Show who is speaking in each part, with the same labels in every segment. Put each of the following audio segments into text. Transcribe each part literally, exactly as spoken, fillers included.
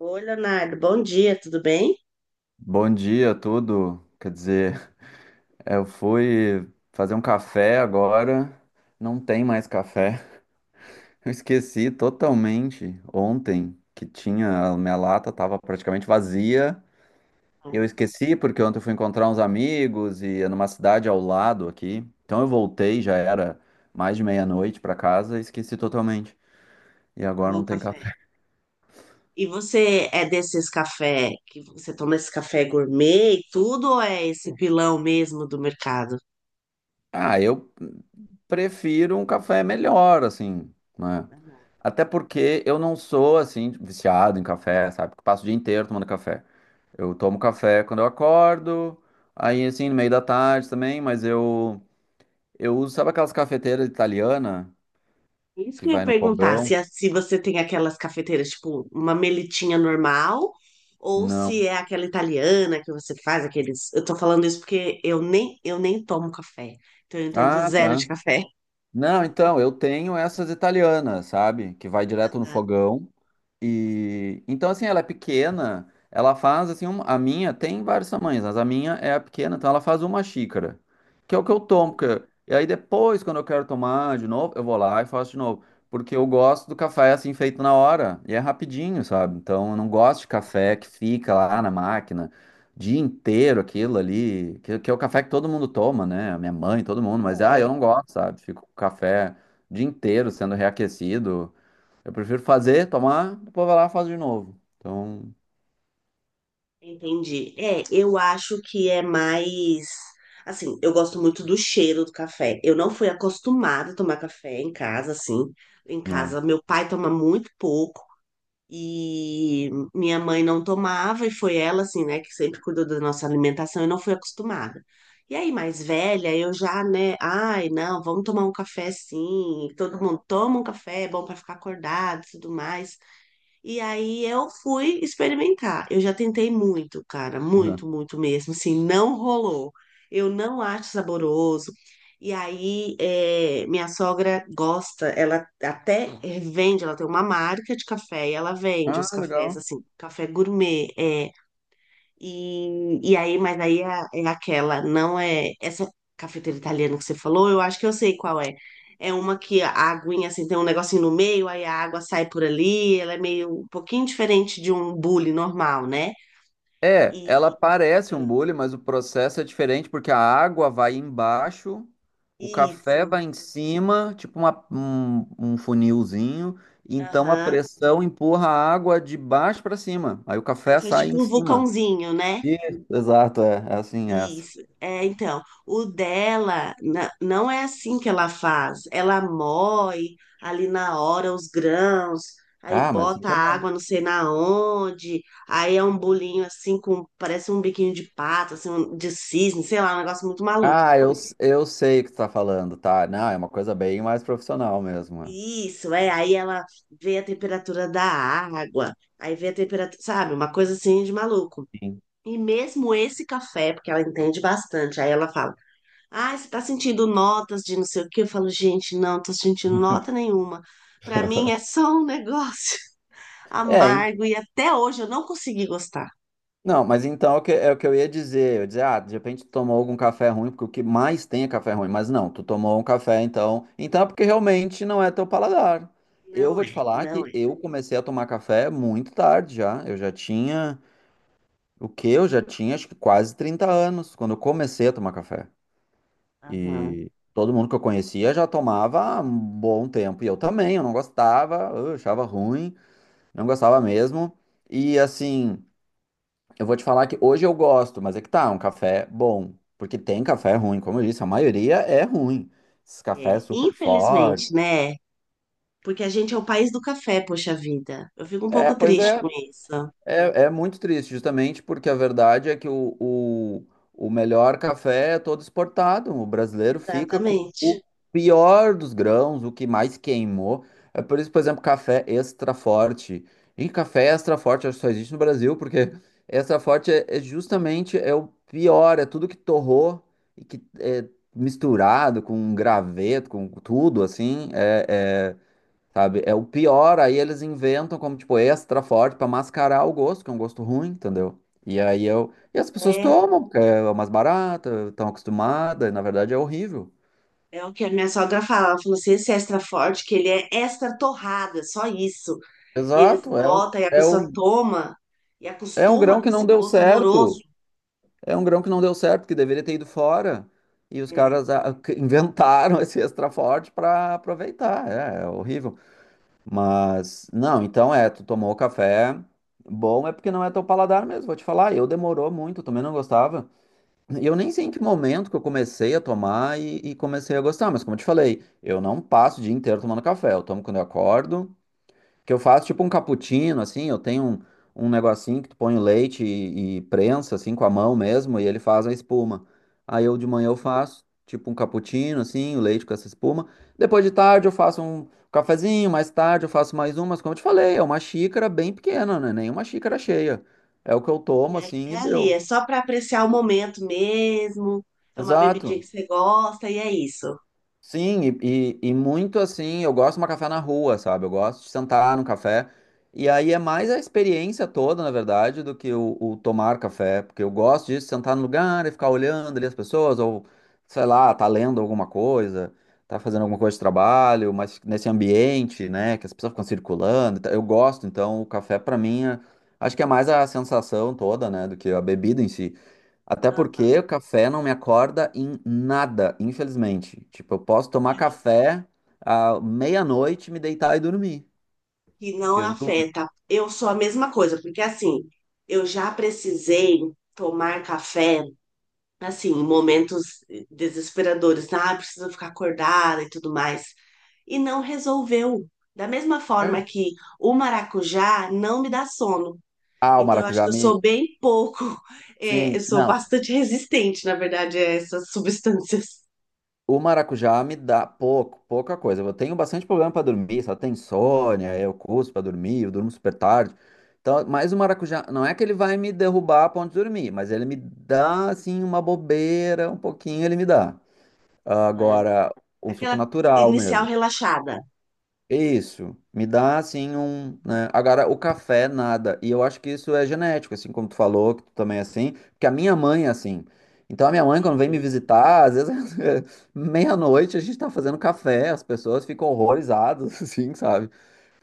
Speaker 1: Oi, Leonardo, bom dia, tudo bem?
Speaker 2: Bom dia a tudo. Quer dizer, é, eu fui fazer um café agora, não tem mais café. Eu esqueci totalmente ontem que tinha, a minha lata estava praticamente vazia.
Speaker 1: Tá bom.
Speaker 2: Eu esqueci porque ontem eu fui encontrar uns amigos e é numa cidade ao lado aqui. Então eu voltei, já era mais de meia-noite para casa e esqueci totalmente. E agora
Speaker 1: Tomou um
Speaker 2: não tem
Speaker 1: café.
Speaker 2: café.
Speaker 1: E você é desses café que você toma esse café gourmet e tudo ou é esse pilão mesmo do mercado?
Speaker 2: Ah, eu prefiro um café melhor, assim, né?
Speaker 1: Amado.
Speaker 2: Até porque eu não sou, assim, viciado em café, sabe? Porque passo o dia inteiro tomando café. Eu tomo café quando eu acordo, aí, assim, no meio da tarde também, mas eu... Eu uso, sabe aquelas cafeteiras italianas
Speaker 1: Isso
Speaker 2: que
Speaker 1: que eu ia
Speaker 2: vai no
Speaker 1: perguntar,
Speaker 2: fogão?
Speaker 1: se, a- se você tem aquelas cafeteiras, tipo, uma melitinha normal, ou
Speaker 2: Não.
Speaker 1: se é aquela italiana que você faz, aqueles. Eu tô falando isso porque eu nem, eu nem tomo café, então eu entendo
Speaker 2: Ah,
Speaker 1: zero de
Speaker 2: tá.
Speaker 1: café.
Speaker 2: Não, então, eu tenho essas italianas, sabe? Que vai direto no
Speaker 1: Tá?
Speaker 2: fogão. E então, assim, ela é pequena, ela faz assim, uma- a minha tem vários tamanhos, mas a minha é a pequena, então ela faz uma xícara, que é o que eu tomo. porque- E aí depois, quando eu quero tomar de novo, eu vou lá e faço de novo. Porque eu gosto do café assim feito na hora. E é rapidinho, sabe? Então eu não gosto de café
Speaker 1: Sim.
Speaker 2: que fica lá na máquina dia inteiro aquilo ali, que, que é o café que todo mundo toma, né? A minha mãe, todo mundo, mas ah, eu não gosto, sabe? Fico com o café o dia inteiro sendo reaquecido. Eu prefiro fazer, tomar, depois vai lá e faz de novo. Então,
Speaker 1: Entendi. É, eu acho que é mais. Assim, eu gosto muito do cheiro do café. Eu não fui acostumada a tomar café em casa, assim. Em
Speaker 2: né.
Speaker 1: casa, meu pai toma muito pouco e minha mãe não tomava, e foi ela, assim, né, que sempre cuidou da nossa alimentação. Eu não fui acostumada. E aí, mais velha, eu já, né, ai, não, vamos tomar um café sim. Todo mundo toma um café, é bom para ficar acordado e tudo mais. E aí eu fui experimentar. Eu já tentei muito, cara, muito,
Speaker 2: Uhum.
Speaker 1: muito mesmo. Assim, não rolou. Eu não acho saboroso. E aí, é, minha sogra gosta, ela até vende, ela tem uma marca de café e ela vende os
Speaker 2: Ah,
Speaker 1: cafés,
Speaker 2: legal.
Speaker 1: assim, café gourmet. é, e, e aí, mas aí é, é aquela, não é essa cafeteira italiana que você falou, eu acho que eu sei qual é. É uma que a aguinha assim tem um negocinho no meio, aí a água sai por ali, ela é meio um pouquinho diferente de um bule normal, né?
Speaker 2: É,
Speaker 1: E
Speaker 2: ela parece um bule, mas o processo é diferente porque a água vai embaixo, o café
Speaker 1: isso.
Speaker 2: vai em cima, tipo uma- um, um funilzinho, então a
Speaker 1: Aham.
Speaker 2: pressão empurra a água de baixo para cima. Aí o
Speaker 1: Aí
Speaker 2: café
Speaker 1: faz
Speaker 2: sai em
Speaker 1: tipo um
Speaker 2: cima.
Speaker 1: vulcãozinho, né?
Speaker 2: Isso, exato, é, é assim é essa.
Speaker 1: Isso. É, então, o dela na- não é assim que ela faz. Ela moe ali na hora os grãos, aí
Speaker 2: Ah, mas assim
Speaker 1: bota
Speaker 2: que é bom.
Speaker 1: água não sei na onde, aí é um bolinho assim com parece um biquinho de pato, assim, um- de cisne, sei lá, um negócio muito maluco.
Speaker 2: Ah, eu, s- eu sei o que tu tá falando, tá? Não, é uma coisa bem mais profissional mesmo.
Speaker 1: Isso, é, aí ela vê a temperatura da água, aí vê a temperatura, sabe, uma coisa assim de maluco.
Speaker 2: É, sim.
Speaker 1: E mesmo esse café, porque ela entende bastante, aí ela fala: ah, você tá sentindo notas de não sei o quê? Eu falo, gente, não, tô sentindo nota nenhuma. Pra mim é só um negócio
Speaker 2: É, en-
Speaker 1: amargo e até hoje eu não consegui gostar.
Speaker 2: não, mas então é o que, é o que eu ia dizer. Eu ia dizer, ah, de repente tu tomou algum café ruim, porque o que mais tem é café ruim. Mas não, tu tomou um café, então. Então é porque realmente não é teu paladar. Eu
Speaker 1: Não
Speaker 2: vou te
Speaker 1: é,
Speaker 2: falar
Speaker 1: não
Speaker 2: que
Speaker 1: é.
Speaker 2: eu comecei a tomar café muito tarde já. Eu já tinha, o quê? Eu já tinha acho que quase trinta anos quando eu comecei a tomar café.
Speaker 1: Aham,
Speaker 2: E todo mundo que eu conhecia já tomava há um bom tempo. E eu também, eu não gostava, eu achava ruim, não gostava mesmo. E assim, eu vou te falar que hoje eu gosto, mas é que tá, um café bom. Porque tem café ruim, como eu disse, a maioria é ruim. Esses cafés
Speaker 1: é.
Speaker 2: super
Speaker 1: Infelizmente,
Speaker 2: fortes.
Speaker 1: né? Porque a gente é o país do café, poxa vida. Eu fico um
Speaker 2: É,
Speaker 1: pouco
Speaker 2: pois
Speaker 1: triste
Speaker 2: é.
Speaker 1: com isso.
Speaker 2: É, é muito triste, justamente porque a verdade é que o, o, o melhor café é todo exportado. O brasileiro fica com o
Speaker 1: Exatamente.
Speaker 2: pior dos grãos, o que mais queimou. É por isso, por exemplo, café extra forte. E café extra forte acho que só existe no Brasil, porque extra forte é, é justamente é o pior, é tudo que torrou e que é misturado com graveto, com tudo assim. É, é- Sabe? É o pior, aí eles inventam como, tipo, extra forte pra mascarar o gosto, que é um gosto ruim, entendeu? E aí eu. E as pessoas
Speaker 1: É,
Speaker 2: tomam, porque é mais barata, estão acostumadas, e na verdade é horrível.
Speaker 1: é o que a minha sogra fala. Ela falou assim: esse extra forte, que ele é extra torrado, é só isso. Eles
Speaker 2: Exato, é um,
Speaker 1: botam e a
Speaker 2: é
Speaker 1: pessoa
Speaker 2: um,
Speaker 1: toma e
Speaker 2: é um
Speaker 1: acostuma
Speaker 2: grão
Speaker 1: com
Speaker 2: que não
Speaker 1: esse
Speaker 2: deu
Speaker 1: gosto
Speaker 2: certo.
Speaker 1: horroroso.
Speaker 2: É um grão que não deu certo, que deveria ter ido fora. E os
Speaker 1: É,
Speaker 2: caras ah, que inventaram esse extra forte pra aproveitar. É, é horrível. Mas, não, então é, tu tomou café. Bom, é porque não é teu paladar mesmo, vou te falar. Eu demorou muito, também não gostava. E eu nem sei em que momento que eu comecei a tomar e, e comecei a gostar, mas como eu te falei, eu não passo o dia inteiro tomando café. Eu tomo quando eu acordo, que eu faço tipo um cappuccino, assim. Eu tenho um, um negocinho que tu põe o leite e, e prensa, assim, com a mão mesmo, e ele faz a espuma. Aí eu de manhã eu faço tipo um cappuccino, assim, o leite com essa espuma. Depois de tarde eu faço um cafezinho, mais tarde eu faço mais um, mas como eu te falei, é uma xícara bem pequena, né? Nem uma xícara cheia. É o que eu
Speaker 1: E
Speaker 2: tomo,
Speaker 1: é,
Speaker 2: assim,
Speaker 1: é
Speaker 2: e
Speaker 1: ali, é
Speaker 2: deu.
Speaker 1: só para apreciar o momento mesmo. É uma bebidinha que
Speaker 2: Exato.
Speaker 1: você gosta e é isso.
Speaker 2: Sim, e, e, e muito assim, eu gosto de uma café na rua, sabe? Eu gosto de sentar no café. E aí é mais a experiência toda, na verdade, do que o, o tomar café, porque eu gosto disso, sentar no lugar e ficar olhando ali as pessoas, ou sei lá, tá lendo alguma coisa, tá fazendo alguma coisa de trabalho, mas nesse ambiente, né, que as pessoas ficam circulando. E tal. Eu gosto, então o café pra mim é acho que é mais a sensação toda, né, do que a bebida em si. Até
Speaker 1: Ah,
Speaker 2: porque o café não me acorda em nada, infelizmente. Tipo, eu posso tomar café à meia-noite, me deitar e dormir.
Speaker 1: que não
Speaker 2: Porque eu durmo.
Speaker 1: afeta. Eu sou a mesma coisa, porque assim, eu já precisei tomar café, assim, em momentos desesperadores, né? Ah, preciso ficar acordada e tudo mais. E não resolveu. Da mesma
Speaker 2: É.
Speaker 1: forma que o maracujá não me dá sono.
Speaker 2: Ah, o
Speaker 1: Então, eu acho que
Speaker 2: maracujá
Speaker 1: eu
Speaker 2: me.
Speaker 1: sou bem pouco, é, eu
Speaker 2: Sim,
Speaker 1: sou
Speaker 2: não.
Speaker 1: bastante resistente, na verdade, a essas substâncias.
Speaker 2: O maracujá me dá pouco, pouca coisa. Eu tenho bastante problema para dormir, só tem insônia, eu curso para dormir, eu durmo super tarde. Então, mas o maracujá, não é que ele vai me derrubar a ponto de dormir, mas ele me dá, assim, uma bobeira, um pouquinho ele me dá.
Speaker 1: Uhum.
Speaker 2: Agora, um suco
Speaker 1: Aquela
Speaker 2: natural
Speaker 1: inicial
Speaker 2: mesmo.
Speaker 1: relaxada.
Speaker 2: Isso, me dá assim um, né? Agora o café nada. E eu acho que isso é genético, assim como tu falou, que tu também é assim, porque a minha mãe é assim. Então a minha mãe quando vem me
Speaker 1: Entendi.
Speaker 2: visitar, às vezes meia-noite a gente tá fazendo café, as pessoas ficam horrorizadas, assim, sabe?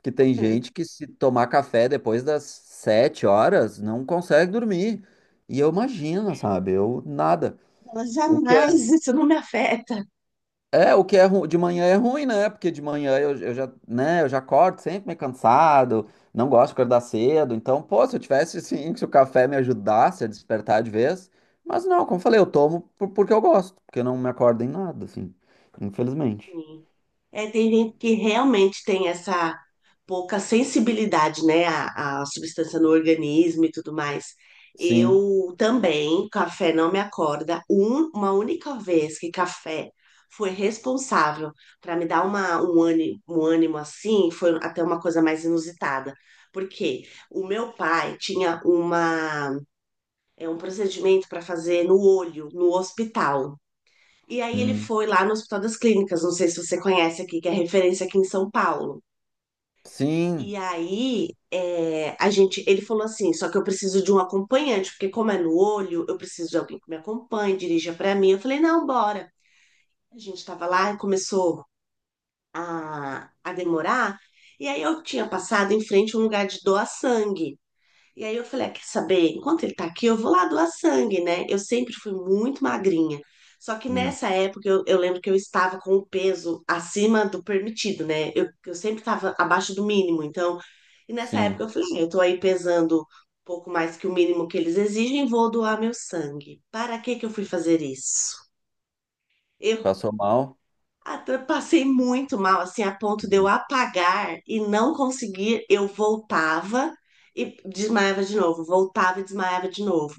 Speaker 2: Que tem
Speaker 1: Uhum.
Speaker 2: gente que se tomar café depois das sete horas não consegue dormir. E eu imagino, sabe? Eu nada.
Speaker 1: Ela
Speaker 2: O que
Speaker 1: jamais,
Speaker 2: é
Speaker 1: isso não me afeta.
Speaker 2: é, o que é ru... de manhã é ruim, né? Porque de manhã eu, eu já, né, eu já acordo sempre meio cansado, não gosto de acordar cedo. Então, pô, se eu tivesse assim, se o café me ajudasse a despertar de vez, mas não, como eu falei, eu tomo por- porque eu gosto, porque eu não me acordo em nada, assim, infelizmente.
Speaker 1: Sim. É, tem gente que realmente tem essa pouca sensibilidade, né, à, à substância no organismo e tudo mais.
Speaker 2: Sim.
Speaker 1: Eu também, café não me acorda. Um- uma única vez que café foi responsável para me dar uma, um ânimo, um ânimo assim, foi até uma coisa mais inusitada. Porque o meu pai tinha uma, é um procedimento para fazer no olho, no hospital. E aí ele
Speaker 2: Hum.
Speaker 1: foi lá no Hospital das Clínicas, não sei se você conhece aqui, que é referência aqui em São Paulo. E
Speaker 2: Sim.
Speaker 1: aí é, a gente, ele falou assim, só que eu preciso de um acompanhante, porque como é no olho, eu preciso de alguém que me acompanhe, dirija para mim. Eu falei, não, bora. A gente tava lá e começou a, a demorar. E aí eu tinha passado em frente a um lugar de doar sangue. E aí eu falei, ah, quer saber? Enquanto ele tá aqui, eu vou lá doar sangue, né? Eu sempre fui muito magrinha. Só que
Speaker 2: Hum.
Speaker 1: nessa época eu, eu lembro que eu estava com o peso acima do permitido, né? Eu, eu sempre estava abaixo do mínimo. Então, e nessa época
Speaker 2: Sim.
Speaker 1: eu falei, ah, eu tô aí pesando um pouco mais que o mínimo que eles exigem, vou doar meu sangue. Para que que eu fui fazer isso? Eu
Speaker 2: Passou mal.
Speaker 1: ah, eu passei muito mal, assim, a ponto de eu
Speaker 2: Hum.
Speaker 1: apagar e não conseguir. Eu voltava e desmaiava de novo, voltava e desmaiava de novo.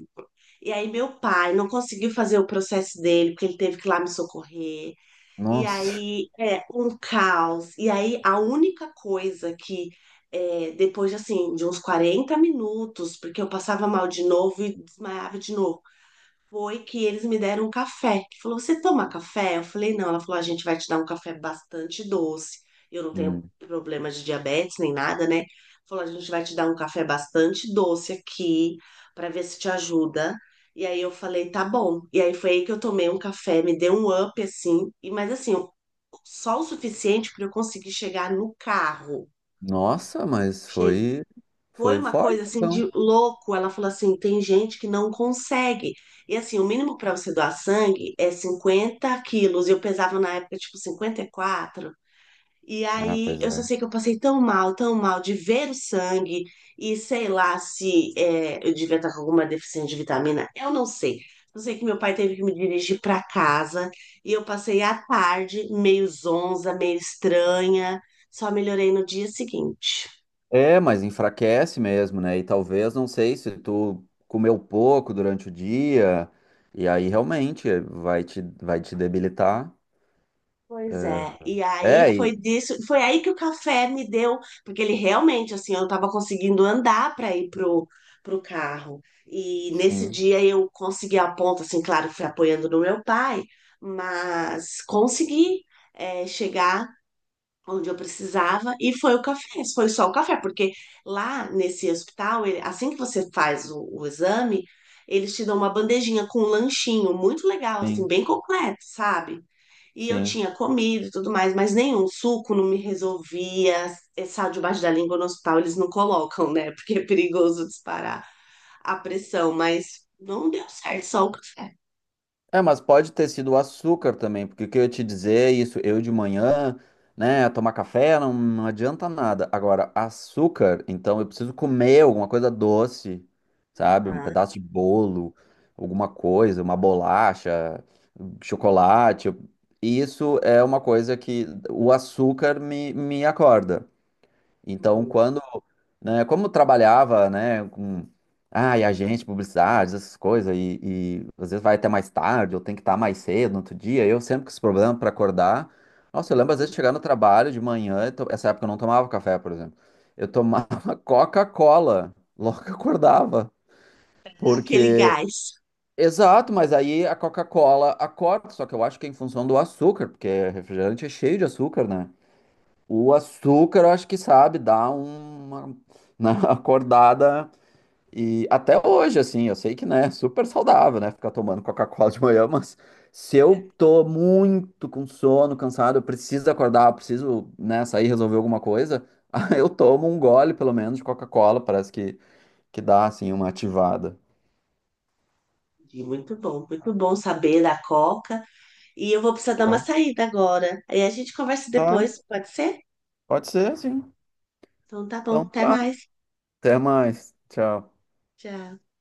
Speaker 1: E aí, meu pai não conseguiu fazer o processo dele, porque ele teve que ir lá me socorrer. E
Speaker 2: Nossa.
Speaker 1: aí, é um caos. E aí, a única coisa que, é, depois de, assim, de uns quarenta minutos, porque eu passava mal de novo e desmaiava de novo foi que eles me deram um café. Que falou, você toma café? Eu falei, não. Ela falou, a gente vai te dar um café bastante doce. Eu não tenho
Speaker 2: Hum.
Speaker 1: problema de diabetes nem nada, né? Falou, a gente vai te dar um café bastante doce aqui para ver se te ajuda. E aí eu falei, tá bom. E aí foi aí que eu tomei um café, me deu um up assim, e mas assim, só o suficiente para eu conseguir chegar no carro.
Speaker 2: Nossa, mas
Speaker 1: Che-
Speaker 2: foi
Speaker 1: Foi
Speaker 2: foi
Speaker 1: uma
Speaker 2: forte,
Speaker 1: coisa assim de
Speaker 2: então.
Speaker 1: louco. Ela falou assim: tem gente que não consegue. E assim, o mínimo para você doar sangue é cinquenta quilos. Eu pesava na época, tipo, cinquenta e quatro. E quatro. E
Speaker 2: Ah,
Speaker 1: aí
Speaker 2: pois
Speaker 1: eu só
Speaker 2: é.
Speaker 1: sei que eu passei tão mal, tão mal de ver o sangue. E sei lá se é, eu devia estar com alguma deficiência de vitamina. Eu não sei. Eu sei que meu pai teve que me dirigir para casa. E eu passei a tarde meio zonza, meio estranha. Só melhorei no dia seguinte.
Speaker 2: É, mas enfraquece mesmo, né? E talvez, não sei, se tu comeu pouco durante o dia, e aí realmente vai te, vai te debilitar.
Speaker 1: Pois é, e aí
Speaker 2: É,
Speaker 1: foi
Speaker 2: e
Speaker 1: disso, foi aí que o café me deu, porque ele realmente, assim, eu tava conseguindo andar para ir pro, pro carro. E nesse
Speaker 2: sim,
Speaker 1: dia eu consegui a ponta, assim, claro, fui apoiando no meu pai, mas consegui, é, chegar onde eu precisava e foi o café, foi só o café, porque lá nesse hospital, ele- assim que você faz o, o exame, eles te dão uma bandejinha com um lanchinho muito legal, assim,
Speaker 2: sim,
Speaker 1: bem completo, sabe? E eu
Speaker 2: sim.
Speaker 1: tinha comido e tudo mais, mas nenhum suco não me resolvia. É sal debaixo da língua no hospital eles não colocam, né? Porque é perigoso disparar a pressão, mas não deu certo, só o café.
Speaker 2: É, mas pode ter sido o açúcar também, porque o que eu ia te dizer é isso, eu de manhã, né, tomar café não, não adianta nada. Agora, açúcar, então eu preciso comer alguma coisa doce, sabe? Um
Speaker 1: Ah,
Speaker 2: pedaço de bolo, alguma coisa, uma bolacha, chocolate. eu- E isso é uma coisa que o açúcar me, me acorda. Então,
Speaker 1: entendi.
Speaker 2: quando, né, como eu trabalhava, né, com, ah, e agente, publicidade, essas coisas, e, e às vezes vai até mais tarde, ou tem que estar mais cedo no outro dia, eu sempre com esse problema para acordar. Nossa, eu lembro às
Speaker 1: Aham.
Speaker 2: vezes chegar no trabalho de manhã, eu to- essa época eu não tomava café, por exemplo. Eu tomava Coca-Cola logo que acordava,
Speaker 1: Dá aquele
Speaker 2: porque.
Speaker 1: gás.
Speaker 2: Exato, mas aí a Coca-Cola acorda, só que eu acho que é em função do açúcar, porque refrigerante é cheio de açúcar, né? O açúcar, eu acho que sabe, dá uma, né, acordada. E até hoje, assim, eu sei que, né, super saudável, né, ficar tomando Coca-Cola de manhã, mas se eu tô muito com sono, cansado, eu preciso acordar, eu preciso, né, sair resolver alguma coisa, aí eu tomo um gole, pelo menos, de Coca-Cola, parece que, que dá, assim, uma ativada.
Speaker 1: Entendi. Muito bom, muito bom saber da Coca. E eu vou precisar dar uma
Speaker 2: Então,
Speaker 1: saída agora. Aí a gente conversa
Speaker 2: tá,
Speaker 1: depois, pode ser?
Speaker 2: pode ser, sim.
Speaker 1: Então tá bom,
Speaker 2: Então,
Speaker 1: até
Speaker 2: tá.
Speaker 1: mais.
Speaker 2: Até mais. Tchau.
Speaker 1: Tchau.